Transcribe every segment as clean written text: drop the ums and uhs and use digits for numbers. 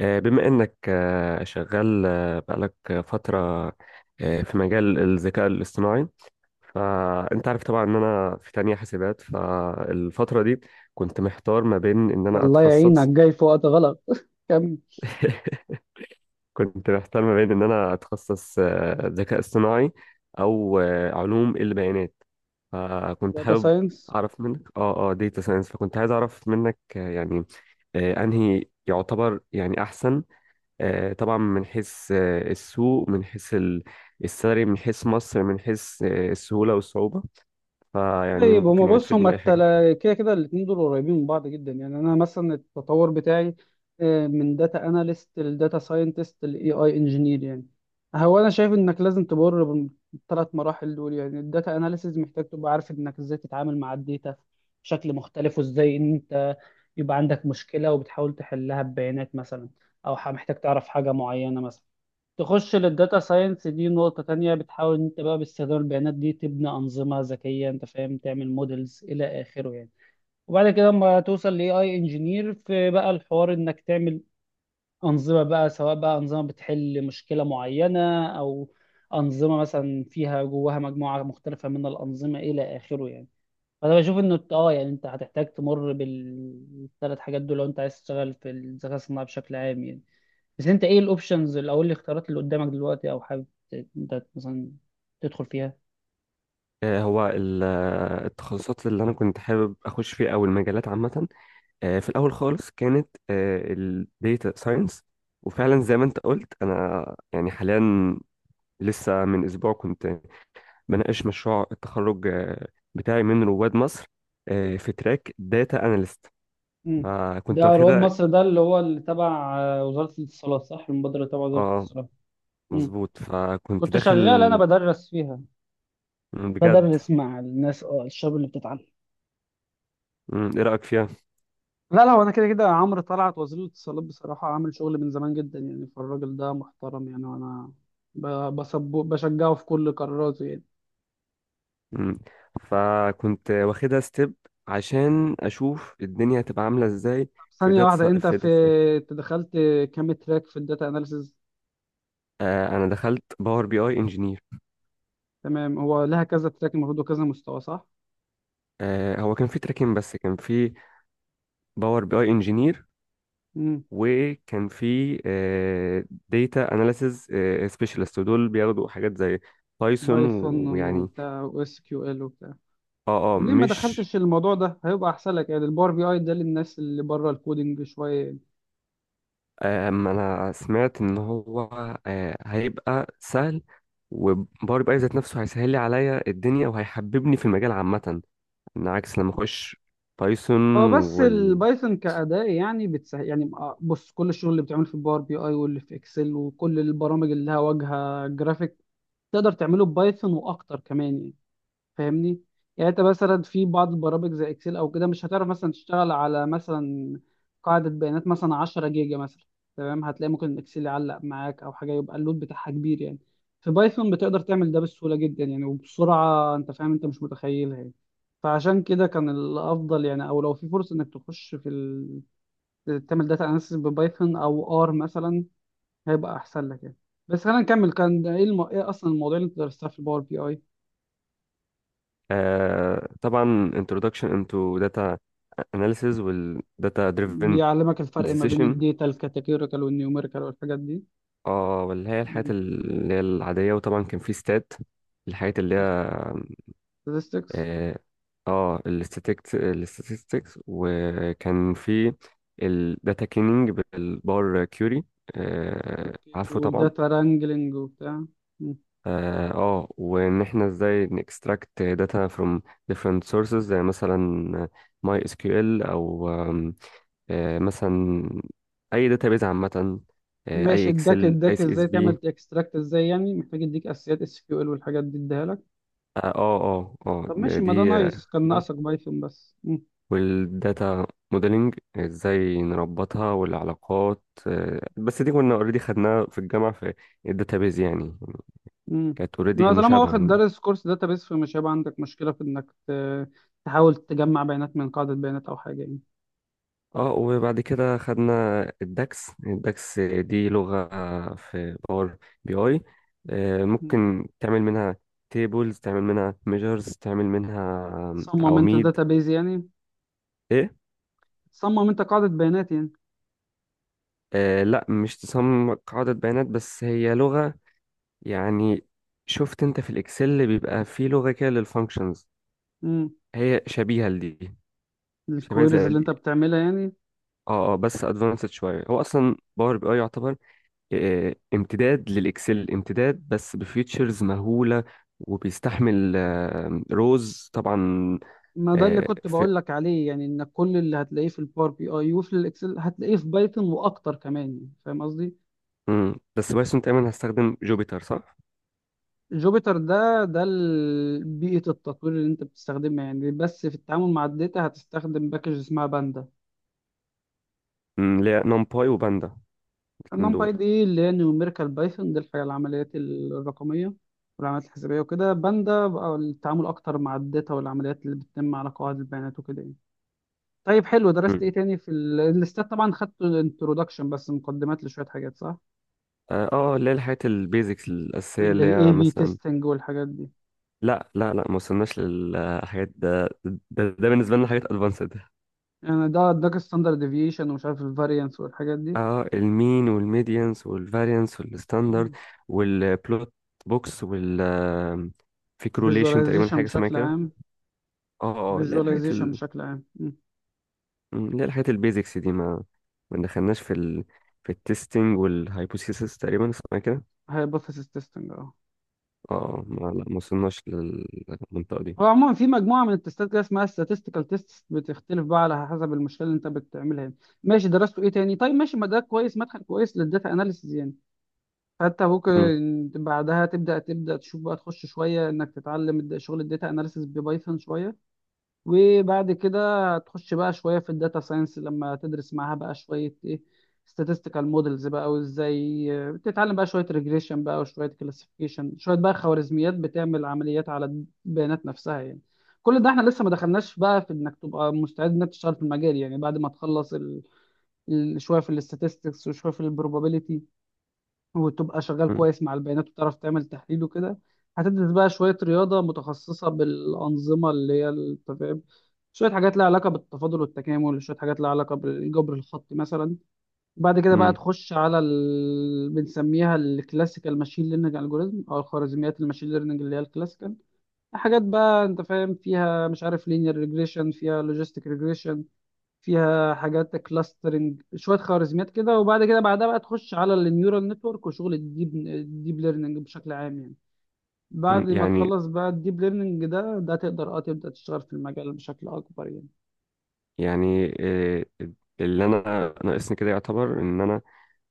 بما إنك شغال بقالك فترة في مجال الذكاء الاصطناعي. فأنت عارف طبعا إن أنا في تانية حاسبات، فالفترة دي كنت محتار ما بين إن أنا الله يعينك، أتخصص. جاي في وقت غلط. كمل. كنت محتار ما بين إن أنا أتخصص ذكاء اصطناعي أو علوم البيانات، فكنت داتا حابب ساينس. أعرف منك داتا ساينس. فكنت عايز أعرف منك، يعني أنهي يعتبر يعني أحسن، طبعا من حيث السوق، من حيث السالري، من حيث مصر، من حيث السهولة والصعوبة. فيعني طيب، هما ممكن يعني بص، تفيدني هما بأي حاجة؟ كده كده الاتنين دول قريبين من بعض جدا يعني. انا مثلا التطور بتاعي، من داتا اناليست لداتا ساينتست لاي اي انجينير يعني. هو انا شايف انك لازم تمر بالثلاث مراحل دول يعني. الداتا اناليسز محتاج تبقى عارف انك ازاي تتعامل مع الداتا بشكل مختلف، وازاي ان انت يبقى عندك مشكلة وبتحاول تحلها ببيانات مثلا، او محتاج تعرف حاجة معينة مثلا. تخش للداتا ساينس، دي نقطة تانية، بتحاول ان انت بقى باستخدام البيانات دي تبني أنظمة ذكية، انت فاهم، تعمل مودلز إلى آخره يعني. وبعد كده اما توصل ل AI انجينير، في بقى الحوار انك تعمل أنظمة بقى، سواء بقى أنظمة بتحل مشكلة معينة، أو أنظمة مثلا فيها جواها مجموعة مختلفة من الأنظمة إلى آخره يعني. فأنا بشوف إنه يعني أنت هتحتاج تمر بالثلاث حاجات دول لو أنت عايز تشتغل في الذكاء الصناعي بشكل عام يعني. بس انت ايه الاوبشنز او ايه الاختيارات اللي قدامك دلوقتي، او حابب انت مثلا تدخل فيها. آه، هو ال- آه، التخصصات اللي أنا كنت حابب أخش فيها أو المجالات عامة، في الأول خالص كانت الديتا ساينس. وفعلا زي ما أنت قلت، أنا يعني حاليا لسه من أسبوع كنت بناقش مشروع التخرج بتاعي من رواد مصر، في تراك داتا أناليست، مم. ده فكنت رواد واخدها. مصر، ده اللي هو اللي تبع، وزارة الاتصالات، صح؟ المبادرة تبع وزارة اه الاتصالات. مم. مظبوط، فكنت كنت شغال، انا داخل. بدرس فيها، مم، بجد. بدرس مع الناس، اه، الشباب اللي بتتعلم. مم، ايه رأيك فيها. لا لا، هو انا كده كده عمرو طلعت وزير الاتصالات بصراحه عامل شغل من زمان جدا يعني، فالراجل ده محترم يعني، وانا بسبه بشجعه في كل قراراته يعني. مم. فكنت واخدها ستيب عشان اشوف الدنيا هتبقى عاملة ازاي طب في ثانيه واحده، داتا، انت في في، داتا ساينس. أنت دخلت كام تراك في الداتا اناليسز؟ آه انا دخلت باور بي اي انجينير. تمام، هو لها كذا تراك المفروض وكذا مستوى، صح؟ آه هو كان في تراكين، بس كان في باور بي اي انجينير، امم. وكان في آه داتا اناليسز سبيشالست، ودول بياخدوا حاجات زي بايثون بايثون ويعني وبتاع، واس كيو ال وبتاع. اه طب ليه ما مش. دخلتش الموضوع ده؟ هيبقى احسن لك يعني. الباور بي اي ده للناس اللي بره الكودينج شويه يعني. أما أنا سمعت إن هو هيبقى سهل، وباور بي أي ذات نفسه هيسهل لي عليا الدنيا وهيحببني في المجال عامة، إن عكس لما أخش بايثون. هو بس وال البايثون كأداة يعني بتسهل يعني. بص، كل الشغل اللي بتعمله في الباور بي اي واللي في اكسل وكل البرامج اللي لها واجهه جرافيك تقدر تعمله ببايثون واكتر كمان يعني. فاهمني؟ يعني انت مثلا في بعض البرامج زي اكسل او كده، مش هتعرف مثلا تشتغل على مثلا قاعدة بيانات مثلا 10 جيجا مثلا. تمام، هتلاقي ممكن الاكسل يعلق معاك او حاجة، يبقى اللود بتاعها كبير يعني. في بايثون بتقدر تعمل ده بسهولة جدا يعني، وبسرعة، انت فاهم، انت مش متخيلها يعني. فعشان كده كان الافضل يعني، او لو في فرصة انك تخش في تعمل داتا اناليسيس ببايثون او ار مثلا، هيبقى احسن لك يعني. بس خلينا نكمل. كان ده ايه ايه اصلا المواضيع اللي انت درستها في الباور بي اي؟ آه، طبعا introduction into data analysis وال data driven بيعلمك الفرق ما بين decision، الداتا الكاتيجوريكال والنيوميريكال والحاجات دي. اه واللي هي الحاجات اللي هي العادية، وطبعا كان في stat، الحاجات اللي هي، statistics. اه الاستاتيكس، وكان في الداتا كليننج بالبار كيوري اوكي، عارفه طبعا. والداتا wrangling وبتاع. مم. وان احنا ازاي نكستراكت داتا from different sources، زي مثلا ماي اس كيو ال، او آم، آه مثلا اي داتابيز عامه، اي ماشي، اداك، اكسل، اي اداك سي اس ازاي بي. تعمل اكستراكت ازاي يعني. محتاج يديك اساسيات اس كيو ال والحاجات دي، اديها لك. اه اه اه طب آه، ماشي، ما ده دي آه، نايس، كان ناقصك بايثون بس. مم. والداتا موديلنج ازاي نربطها والعلاقات، بس دي كنا اوريدي خدناها في الجامعة في الداتابيز يعني. مم. كانت اوريدي ما طالما مشابهة واخد يعني. دارس كورس داتابيس فمش هيبقى عندك مشكلة في انك تحاول تجمع بيانات من قاعدة بيانات او حاجة يعني. اه وبعد كده خدنا الداكس. الداكس دي لغة في باور بي اي، مم. ممكن تعمل منها تيبلز، تعمل منها ميجرز، تعمل منها تصمم انت عواميد. داتابيز يعني، ايه. تصمم انت قاعدة بيانات آه لا، مش تصمم قاعدة بيانات، بس هي لغة يعني. شفت انت في الاكسل اللي بيبقى فيه لغه كده للفانكشنز؟ يعني. هي شبيهه لدي، شبيهه الكويريز زي اللي دي. انت بتعملها يعني. اه بس ادفانسد شويه. هو اصلا باور بي اي يعتبر امتداد للاكسل، امتداد بس بفيتشرز مهوله، وبيستحمل روز طبعا. ما ده اللي آه، كنت في بقول لك عليه يعني، ان كل اللي هتلاقيه في الباور بي اي وفي الاكسل هتلاقيه في بايثون واكتر كمان يعني. فاهم قصدي؟ مم. بس بايثون تقريبا هستخدم جوبيتر صح؟ جوبيتر ده ده بيئة التطوير اللي انت بتستخدمها يعني، بس في التعامل مع الداتا هتستخدم باكج اسمها باندا. مم، اللي هي نمباي وباندا الاثنين دول. نمباي دي اللي هي نيوميريكال بايثون، دي الحاجة، العمليات الرقمية والعمليات الحسابية وكده. باندا بقى التعامل اكتر مع الداتا والعمليات اللي بتتم على قواعد البيانات وكده يعني. طيب حلو، درست مم. ايه تاني في الاستاد؟ طبعا خدت الانترودكشن بس، مقدمات لشويه حاجات، صح؟ اللي هي الحاجات البيزكس الاساسيه اللي للاي هي بي مثلا. تيستنج والحاجات دي. لا لا لا، ما وصلناش للحاجات ده, بالنسبه لنا حاجات ادفانسد. يعني ده اداك الستاندرد ديفيشن ومش عارف الفاريانس والحاجات دي. اه، المين والميديانس والفاريانس والستاندرد والبلوت بوكس، وال كروليشن تقريبا فيجواليزيشن حاجه اسمها بشكل كده. عام. اه اللي هي الحاجات فيجواليزيشن ال... بشكل عام. اللي هي الحاجات البيزكس دي، ما دخلناش في التستنج والهايبوثيسيس تقريبا اسمها كده. هايبوثيسيس تيستنج، اه. اه ما، لا ما وصلناش للمنطقه دي. هو عموما في مجموعه من التستات كده اسمها statistical tests، بتختلف بقى على حسب المشكله اللي انت بتعملها يعني. ماشي، درسته ايه تاني؟ طيب ماشي، ما ده كويس، مدخل كويس للداتا اناليسيز يعني. حتى مم، ممكن بعدها تبدا تشوف بقى، تخش شويه انك تتعلم شغل الداتا اناليسيس ببايثون شويه. وبعد كده تخش بقى شويه في الداتا ساينس، لما تدرس معاها بقى شويه ايه، statistical models بقى، وازاي تتعلم بقى شويه regression بقى، وشويه classification، شويه بقى خوارزميات بتعمل عمليات على البيانات نفسها يعني. كل ده احنا لسه ما دخلناش بقى في انك تبقى مستعد انك تشتغل في المجال يعني. بعد ما تخلص شويه في الاستاتستكس وشويه في البروبابيليتي، وتبقى شغال مم، كويس مع البيانات وتعرف تعمل تحليل وكده، هتدرس بقى شوية رياضة متخصصة بالأنظمة اللي هي التفاعل، شوية حاجات لها علاقة بالتفاضل والتكامل، شوية حاجات لها علاقة بالجبر الخطي مثلا. بعد كده بقى مم، تخش على بنسميها الكلاسيكال ماشين ليرنينج الجوريزم، أو الخوارزميات الماشين ليرنينج اللي هي الكلاسيكال. حاجات بقى انت فاهم فيها، مش عارف، لينير ريجريشن، فيها لوجيستيك ريجريشن، فيها حاجات كلاسترنج، شويه خوارزميات كده. وبعد كده بعدها بقى تخش على النيورال نتورك وشغل الديب ليرنينج بشكل عام يعني. بعد مم. ما يعني تخلص بقى الديب ليرنينج ده، ده تقدر اه تبدا تشتغل في المجال بشكل اكبر يعني. يعني آه، اللي انا ناقصني كده يعتبر ان انا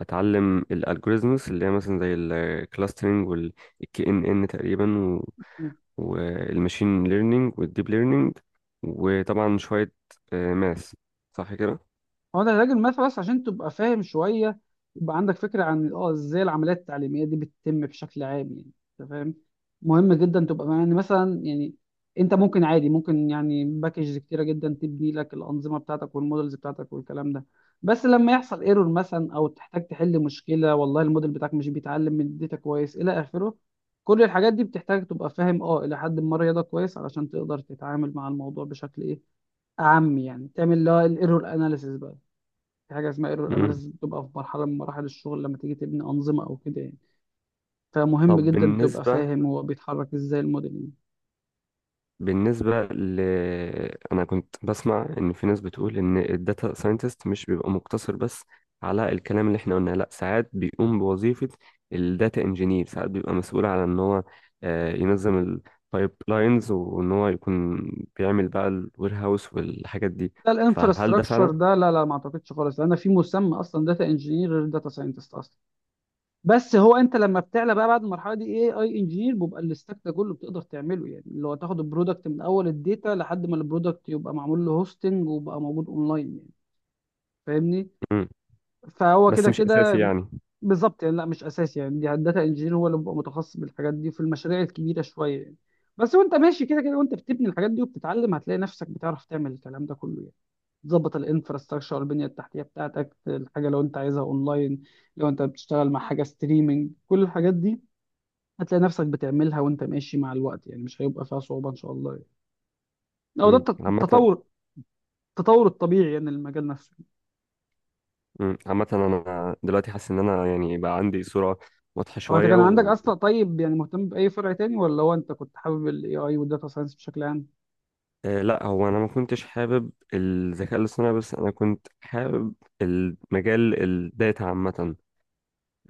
اتعلم الالجوريزمز، اللي هي مثلا زي الكلاسترنج والكي ان ان تقريبا والماشين ليرنينج والديب ليرنينج، وطبعا شويه ماث، صح كده؟ هو ده العلاج النفسي، بس عشان تبقى فاهم شويه، يبقى عندك فكره عن اه ازاي العمليات التعليميه دي بتتم بشكل عام يعني. انت فاهم؟ مهم جدا تبقى يعني مثلا يعني، انت ممكن عادي، ممكن يعني باكجز كتيره جدا تبني لك الانظمه بتاعتك والمودلز بتاعتك والكلام ده. بس لما يحصل ايرور مثلا او تحتاج تحل مشكله، والله الموديل بتاعك مش بيتعلم من الداتا كويس الى اخره، كل الحاجات دي بتحتاج تبقى فاهم اه الى حد ما رياضه كويس، علشان تقدر تتعامل مع الموضوع بشكل ايه، اعم يعني، تعمل اللي هو الايرور اناليسيس بقى. في حاجه اسمها ايرور مم. اناليسيس، بتبقى في مرحله من مراحل الشغل لما تيجي تبني انظمه او كده يعني. فمهم طب جدا تبقى بالنسبه فاهم هو بيتحرك ازاي الموديل يعني. بالنسبة ل أنا كنت بسمع إن في ناس بتقول إن الداتا ساينتست مش بيبقى مقتصر بس على الكلام اللي إحنا قلناه، لأ، ساعات بيقوم بوظيفة الداتا إنجينير، ساعات بيبقى مسؤول على إن هو ينظم البايب لاينز، وإن هو يكون بيعمل بقى الوير هاوس والحاجات دي. لا، فهل ده الانفراستراكشر فعلا؟ ده لا لا، ما اعتقدش خالص، لان في مسمى اصلا داتا انجينير غير داتا ساينتست اصلا. بس هو انت لما بتعلى بقى بعد المرحله دي، اي اي انجينير، بيبقى الستاك ده كله بتقدر تعمله يعني، اللي هو تاخد البرودكت من اول الداتا لحد ما البرودكت يبقى معمول له هوستنج وبقى موجود اونلاين يعني. فاهمني؟ مم. فهو بس كده مش أساسي كده. يعني. بالظبط يعني، لا مش اساسي يعني. دي الداتا انجينير هو اللي بيبقى متخصص بالحاجات دي في المشاريع الكبيره شويه يعني. بس وانت ماشي كده كده، وانت بتبني الحاجات دي وبتتعلم، هتلاقي نفسك بتعرف تعمل الكلام ده كله يعني. تظبط الانفراستراكشر، البنيه التحتيه بتاعتك، الحاجه لو انت عايزها اونلاين، لو انت بتشتغل مع حاجه ستريمنج، كل الحاجات دي هتلاقي نفسك بتعملها وانت ماشي مع الوقت يعني. مش هيبقى فيها صعوبه ان شاء الله يعني. او ده مم. عامة. التطور، التطور الطبيعي يعني للمجال نفسه. مم. عامة أنا دلوقتي حاسس إن أنا يعني بقى عندي صورة واضحة هو انت شوية. كان عندك اصلا طيب يعني مهتم باي فرع تاني، ولا هو انت كنت حابب الاي اي والداتا ساينس بشكل عام؟ لا، هو انا ما كنتش حابب الذكاء الاصطناعي، بس انا كنت حابب المجال الداتا عامه،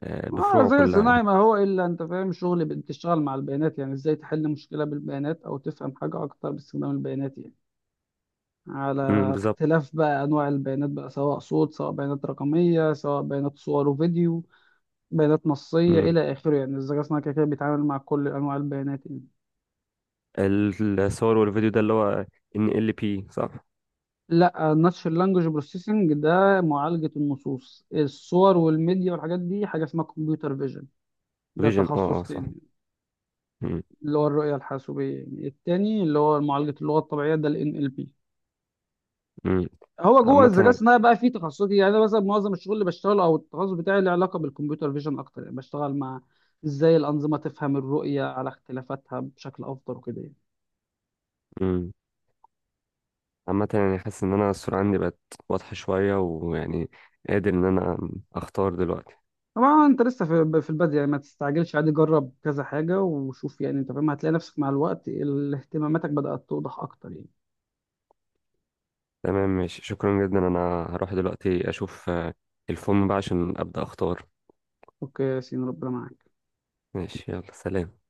اه، بفروعه الذكاء كلها. الصناعي ما هو الا، انت فاهم، شغل بتشتغل مع البيانات يعني، ازاي تحل مشكله بالبيانات او تفهم حاجه اكتر باستخدام البيانات يعني. على امم، بالظبط. اختلاف بقى انواع البيانات بقى، سواء صوت، سواء بيانات رقميه، سواء بيانات صور وفيديو، بيانات نصيه امم. الى اخره يعني. الذكاء الصناعي كده كده بيتعامل مع كل انواع البيانات يعني. الصور والفيديو ده اللي هو ان ال بي صح؟ لا، Natural لانجوج بروسيسنج ده معالجه النصوص. الصور والميديا والحاجات دي حاجه اسمها كمبيوتر فيجن، ده فيجن، اه تخصص صح. تاني. امم. اللي هو الرؤية الحاسوبية يعني. التاني اللي هو معالجة اللغة الطبيعية ده ال NLP. امم. هو جوه عامه الذكاء أنا. الصناعي بقى فيه تخصصي يعني، أنا مثلا معظم الشغل اللي بشتغله أو التخصص بتاعي له علاقة بالكمبيوتر فيجن أكتر يعني، بشتغل مع إزاي الأنظمة تفهم الرؤية على اختلافاتها بشكل أفضل وكده يعني. امم. عامه يعني حاسس ان انا الصوره عندي بقت واضحه شويه، ويعني قادر ان انا اختار دلوقتي. طبعا أنت لسه في البداية يعني، ما تستعجلش، عادي، جرب كذا حاجة وشوف يعني. أنت فاهم، هتلاقي نفسك مع الوقت اهتماماتك بدأت توضح أكتر يعني. تمام، ماشي، شكرا جدا. انا هروح دلوقتي اشوف الفورم بقى عشان ابدا اختار. أوكي يا ياسين، ربنا معاك. ماشي يلا سلام.